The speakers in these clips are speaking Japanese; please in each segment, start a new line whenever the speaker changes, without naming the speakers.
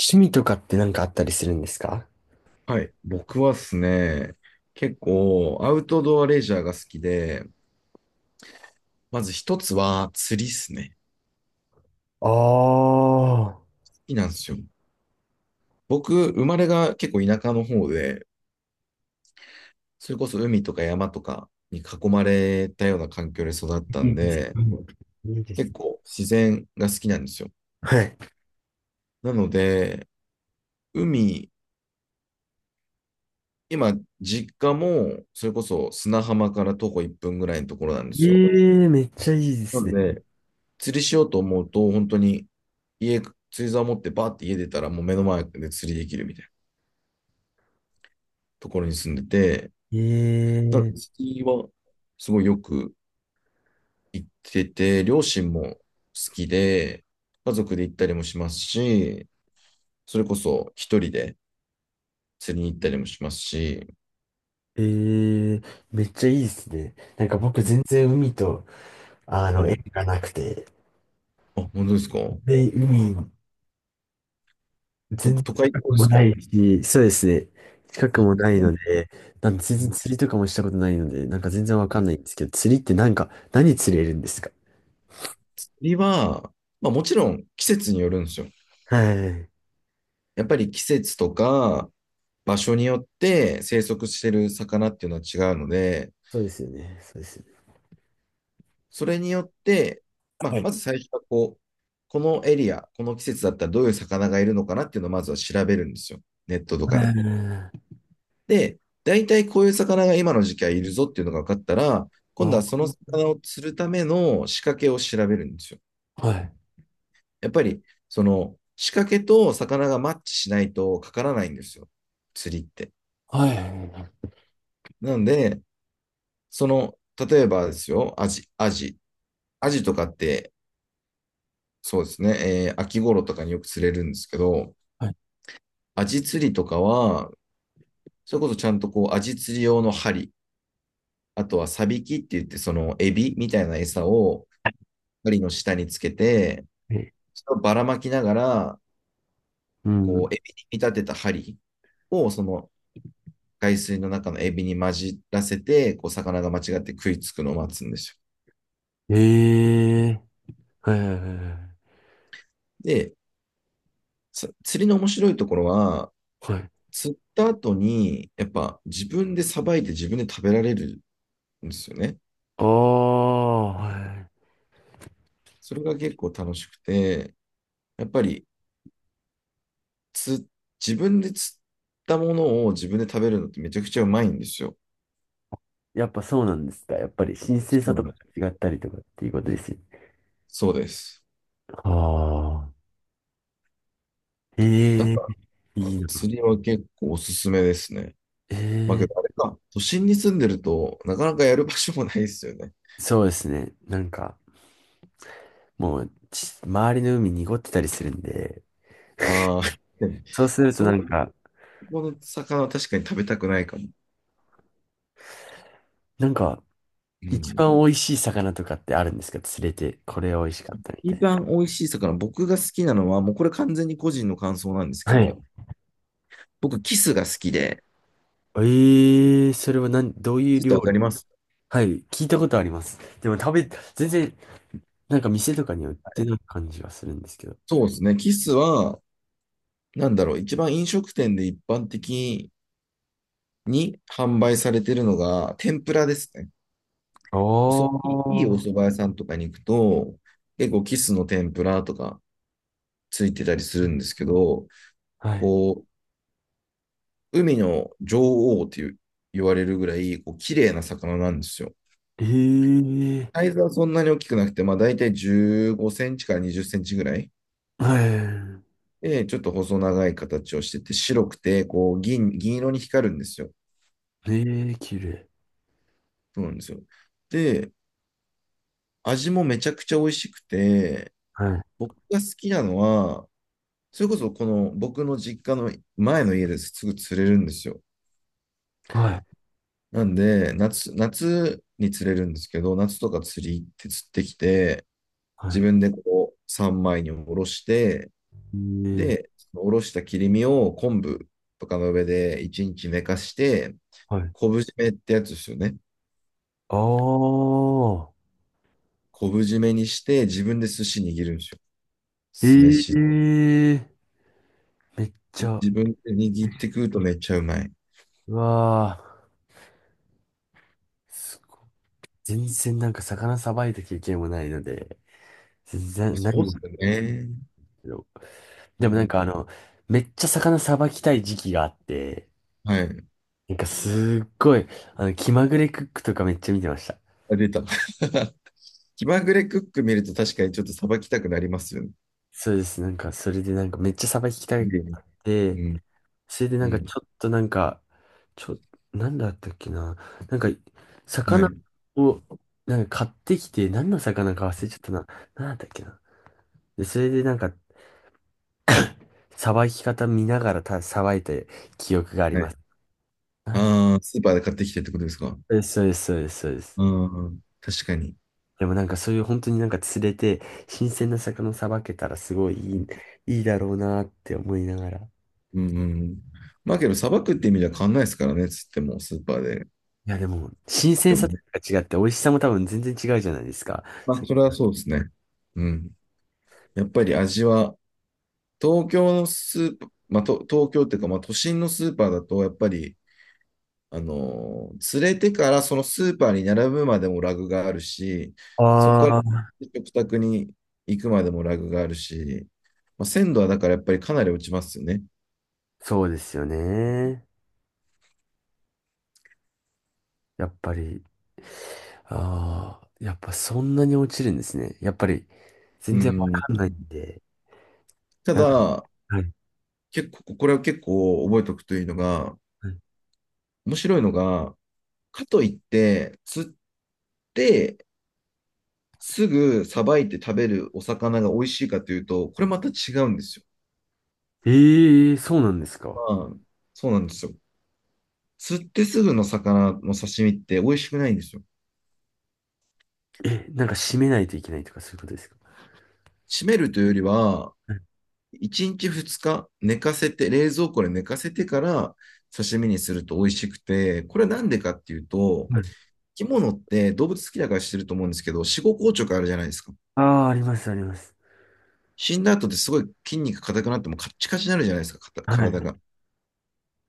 趣味とかって何かあったりするんですか？
はい。僕はですね、結構アウトドアレジャーが好きで、まず一つは釣りっすね。
ああ
好きなんですよ。僕、生まれが結構田舎の方で、それこそ海とか山とかに囲まれたような環境で育った
ー、い
ん
いです
で、
ね。いいです
結
ね。
構自然が好きなんですよ。
はい。
なので、海、今、実家も、それこそ砂浜から徒歩1分ぐらいのところなんですよ。
ええ、めっちゃいいで
な
す
の
ね。
で、釣りしようと思うと、本当に家、釣り竿持ってバーって家出たらもう目の前で釣りできるみたいなところに住んでて、なので
ええ
釣りはすごいよく行ってて、両親も好きで、家族で行ったりもしますし、それこそ一人で釣りに行ったりもしますし、
ええ、めっちゃいいですね。なんか僕全然海と、
は
縁
い。
がなくて、
あ、本当ですか？
で、海、
と、
全然
都会の
近く
方で
も
す
な
か？
いし、そうですね。近く
あ、
もない
う
ので、なんで全然
ん。
釣りとかもしたことないので、なんか全然わかんないんですけど、釣りってなんか、何釣れるんですか？
釣りは、まあもちろん季節によるんですよ。
はい。
やっぱり季節とか、場所によって生息してる魚っていうのは違うので、
そうですよね。そうですよ
それによって、まあ、
ね。
まず最初はこう、このエリア、この季節だったらどういう魚がいるのかなっていうのをまずは調べるんですよ。ネットとかで。
ええ、
で、大体こういう魚が今の時期はいるぞっていうのが分かったら、今
あ、
度
は
はその魚を釣るための仕掛けを調べるんですよ。
い。
やっぱり、その仕掛けと魚がマッチしないとかからないんですよ。釣りって。
はい。
なので、例えばですよ、アジとかって、そうですね、秋頃とかによく釣れるんですけど、
はい。
アジ釣りとかは、それこそちゃんとこう、アジ釣り用の針、あとはサビキって言って、そのエビみたいな餌を針の下につけて、
え、
それをばらまきながら、
うん。
こう、エビに見立てた針を、その海水の中のエビに混じらせて、こう、魚が間違って食いつくのを待つんですよ。
ええ、はい。は
で、釣りの面白いところは、
い。はい。
釣った後に、やっぱ自分でさばいて自分で食べられるんですよね。
ああ、は
それが結構楽しくて、やっぱりつ自分で釣ったものを自分で食べるのってめちゃくちゃうまいんですよ。
い。やっぱそうなんですか？やっぱり神聖
そ
さ
う
と
な
か
の。
が違ったりとかっていうことですよね。
そうです。
ああ。え
だ
え、
から、
いいな。
釣りは結構おすすめですね。まあけ
え
ど、あ
え、
れか、都心に住んでると、なかなかやる場所もないですよね。
そうですね。なんか、もう、周りの海濁ってたりするんで、
ああ、
そうすると
そう
な
い
んか、
うこの魚は確かに食べたくないかも。
なんか、
う
一
ん。
番美味しい魚とかってあるんですか？釣れて、これ美味しかったみ
一
たい
番美味しい魚、僕が好きなのは、もうこれ完全に個人の感想なんです
な。
け
はい。
ど、僕、キスが好きで、
ええー、それは何、どういう
ちょっと
料
わか
理？
ります？
はい、聞いたことあります。でも全然、なんか店とかには売ってない感じがするんですけど。
そうですね。キスは、なんだろう、一番飲食店で一般的に販売されてるのが、天ぷらですね。
あ
おそいいいお蕎
あ、
麦屋さんとかに行くと、結構キスの天ぷらとかついてたりするんですけど、
はい。
こう、海の女王っていう言われるぐらい、こう、綺麗な魚なんですよ。
ええ
サイズはそんなに大きくなくて、まあ大体15センチから20センチぐらい。
ー、は
で、ちょっと細長い形をしてて、白くて、こう、銀色に光るんですよ。
い。ええー、綺麗。
そうなんですよ。で、味もめちゃくちゃ美味しくて、
はい。
僕が好きなのは、それこそこの僕の実家の前の家ですぐ釣れるんですよ。
はい。
なんで、夏に釣れるんですけど、夏とか釣り行って釣ってきて、
は
自
い。
分でこう三枚におろして、
ええー、
で、そのおろした切り身を昆布とかの上で一日寝かして、
はい。
昆布締めってやつですよね。
ああ、
昆布締めにして自分で寿司握るんですよ。
え
酢
え
飯。
ー、めっちゃ、
自分で握って食うとめっちゃうまい。
うわーすごい。全然なんか魚さばいた経験もないので、全
まあ
然何
そうっ
も。
すよね。う
でもなん
ん。
かあの、めっちゃ魚さばきたい時期があって、
はい。
なんかすっごい、気まぐれクックとかめっちゃ見てました。
あ、出た。気まぐれクック見ると確かにちょっとさばきたくなりますよね。
そうです。なんかそれでなんかめっちゃさばきたいあって、
うん。
それで
う
なんかち
ん。
ょっとなんか、ちょ、なんだったっけな。なんか、
うん、
魚
はい。
を、なんか買ってきて、何の魚か忘れちゃったな。なんだったっけな。で、それでなんか、さばき方見ながらさばいた記憶があり
は
ま
い。
す。あ、
ああ、スーパーで買ってきてってことですか？
そうです、そうです、そうです、そうです。
うん。確かに。
でもなんかそういう本当になんか釣れて、新鮮な魚さばけたらすごいいい、いいだろうなって思いながら。い
うんうんうん。まあけど、さばくって意味では変わんないですからね、つっても、スーパーで。
やでも、新
で
鮮
も
さと
ね。
か違って美味しさも多分全然違うじゃないですか。
ま
さ
あ、
っ
それ
き
は
から。
そうですね。うん。やっぱり味は、東京のスーパー、まあ、と東京っていうか、まあ、都心のスーパーだと、やっぱり、連れてからそのスーパーに並ぶまでもラグがあるし、そこ
あ
から
あ、
食卓に行くまでもラグがあるし、まあ、鮮度はだからやっぱりかなり落ちますよね。
そうですよね。やっぱり、ああ、やっぱそんなに落ちるんですね。やっぱり、
う
全然わ
ん。
かんないんで。
た
なんか、
だ、
はい。
結構、これは結構覚えておくといいのが、
はい。
面白いのが、かといって、釣ってすぐさばいて食べるお魚が美味しいかというと、これまた違うんですよ。
ええー、そうなんです
ま
か？
あ、そうなんですよ。釣ってすぐの魚の刺身って美味しくないんですよ。
え、なんか締めないといけないとかそういうことですか？
閉めるというよりは、
はい。
1日2日寝かせて、冷蔵庫で寝かせてから刺身にすると美味しくて、これなんでかっていうと、
はい。
生き物って動物好きだからしてると思うんですけど、死後硬直あるじゃないですか。
ああー、あります、あります。
死んだ後ってすごい筋肉硬くなってもカッチカチになるじゃないですか、
は
体
い。
が。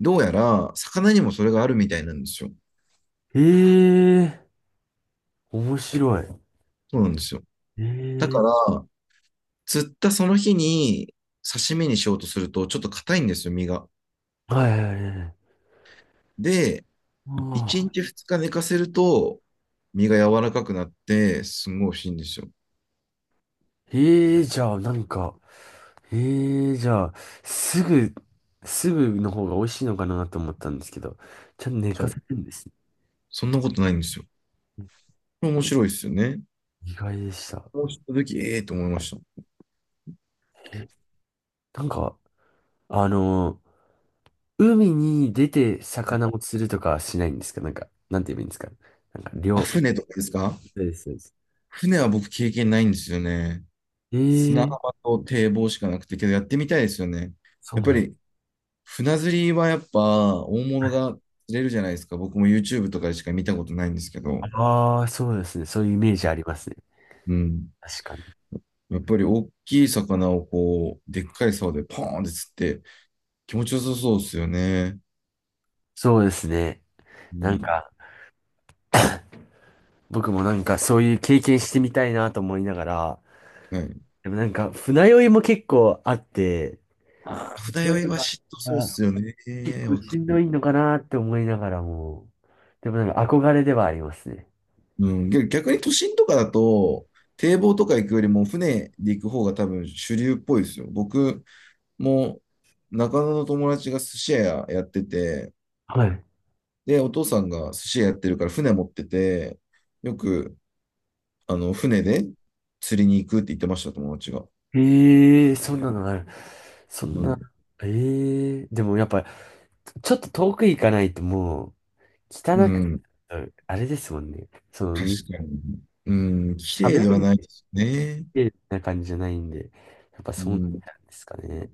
どうやら、魚にもそれがあるみたいなんですよ。
ええ、面白い。
そうなんですよ。だ
え
か
え、
ら、釣ったその日に刺身にしようとすると、ちょっと硬いんですよ、身が。
はいはいはいはい。
で、1
ああ、
日2日寝かせると、身が柔らかくなって、すごい美味しいんですよ。
ええじゃあ、なんか、ええじゃあ、すぐ、すぐの方が美味しいのかなと思ったんですけど、ちゃんと寝
そ
か
う。
せるんですね。
そんなことないんですよ。面白いですよね。
意外でした。
こうした時、ええと思いました。
え、なんか、あの海に出て魚を釣るとかはしないんですか？なんか、なんて言えばいいんですか？なんか、
あ、
漁、
船とかですか？
そうです、そうです。
船は僕経験ないんですよね。砂
え
浜
え
と堤防しかなくて、けどやってみたいですよね。
そう
やっぱ
なん
り船釣りはやっぱ大物が釣れるじゃないですか。僕も YouTube とかでしか見たことないんですけど。
ああー、そうですね。そういうイメージありますね。
うん。
確かに。
やっぱり大きい魚をこう、でっかい竿でポーンって釣って、気持ちよさそうっすよね。
そうですね。
う
なん
ん。
か、僕もなんかそういう経験してみたいなと思いながら、
はい。
でもなんか船酔いも結構あって、
ああ、船
そうい
酔い
うの
は
が
嫉妬そうっ
あ、
すよね。
結構
わか
しんど
る。
いのかなって思いながらも、でもなんか憧れではありますね。
うん。逆に都心とかだと、堤防とか行くよりも船で行く方が多分主流っぽいですよ。僕も中野の友達が寿司屋やってて、
はい。
で、お父さんが寿司屋やってるから船持ってて、よく、船で釣りに行くって言ってました、友達が。
ええー、そんなのがある。そん
う
な、
ん。
ええー、でもやっぱ、ちょっと遠く行かないともう、
う
汚く、
ん。
あれですもんね。その、
確かに。うん。綺
食べ
麗では
る
ないですね。
ってな感じじゃないんで、やっぱ
う
そうなん
ん。
ですかね。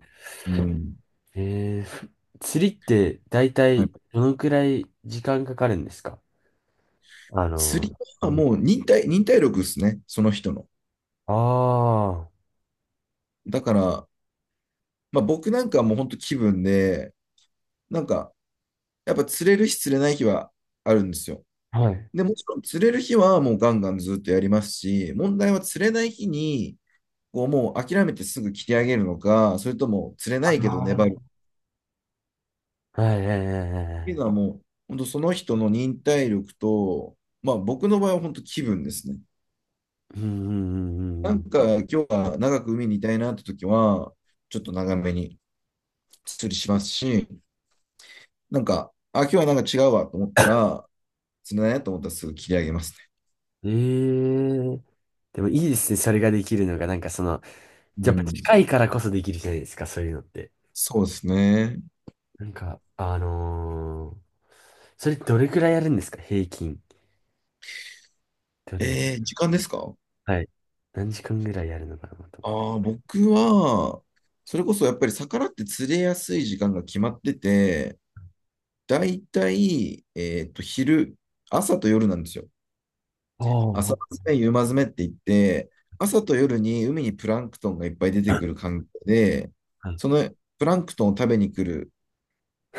うん。
えー、ふ釣りって大
はい。
体どのくらい時間かかるんですか？あの
釣り
ー、う
は
ん、
もう忍耐力ですね、その人の。
ああ、
だから、まあ、僕なんかはもう本当気分で、なんか、やっぱ釣れる日釣れない日はあるんですよ。
はい。
で、もちろん釣れる日はもうガンガンずっとやりますし、問題は釣れない日に、こうもう諦めてすぐ切り上げるのか、それとも釣れ
あ
ないけど粘
ー、
る
はいはいはいはいは
っていうの
い。
はもう、本当その人の忍耐力と、まあ僕の場合は本当気分ですね。
うんうんうんう
なん
ん
か今日は長く海にいたいなって時は、ちょっと長めに釣りしますし、なんか、あ、今日はなんか違うわと思ったら、釣れないなと思ったらすぐ切り上げますね。
うん。ええ、でもいいですね、それができるのが。なんかその、
う
やっぱ
ん。
近いからこそできるじゃないですか、そういうのって。
そうですね。
なんか、それどれくらいやるんですか、平均。どれ、
時間ですか？
はい。何時間ぐらいやるのかなと。
ああ、僕は、それこそやっぱり魚って釣れやすい時間が決まってて、だいたい、朝と夜なんですよ。
あ
朝
ー、
詰め、夕間詰めって言って、朝と夜に海にプランクトンがいっぱい出てくる環境で、
はい、
そのプランクトンを食べに来る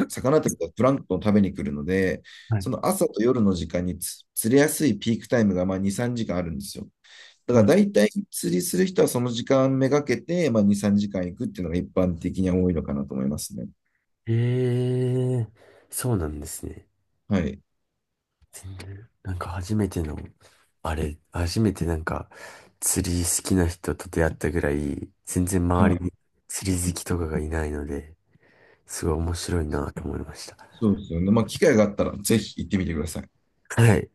魚とかプランクトンを食べに来るので、
はい。
その朝と夜の時間に釣れやすいピークタイムがまあ2、3時間あるんですよ。だから大体釣りする人はその時間めがけて、まあ、2、3時間行くっていうのが一般的には多いのかなと思いますね。
ええ、そうなんですね。
はい。
全然なんか初めての、あれ、初めてなんか釣り好きな人と出会ったぐらい、全然
は
周
い。
りに釣り好きとかがいないので、すごい面白いなと思いました。
そうですよね。まあ、機会があったらぜひ行ってみてください。
はい。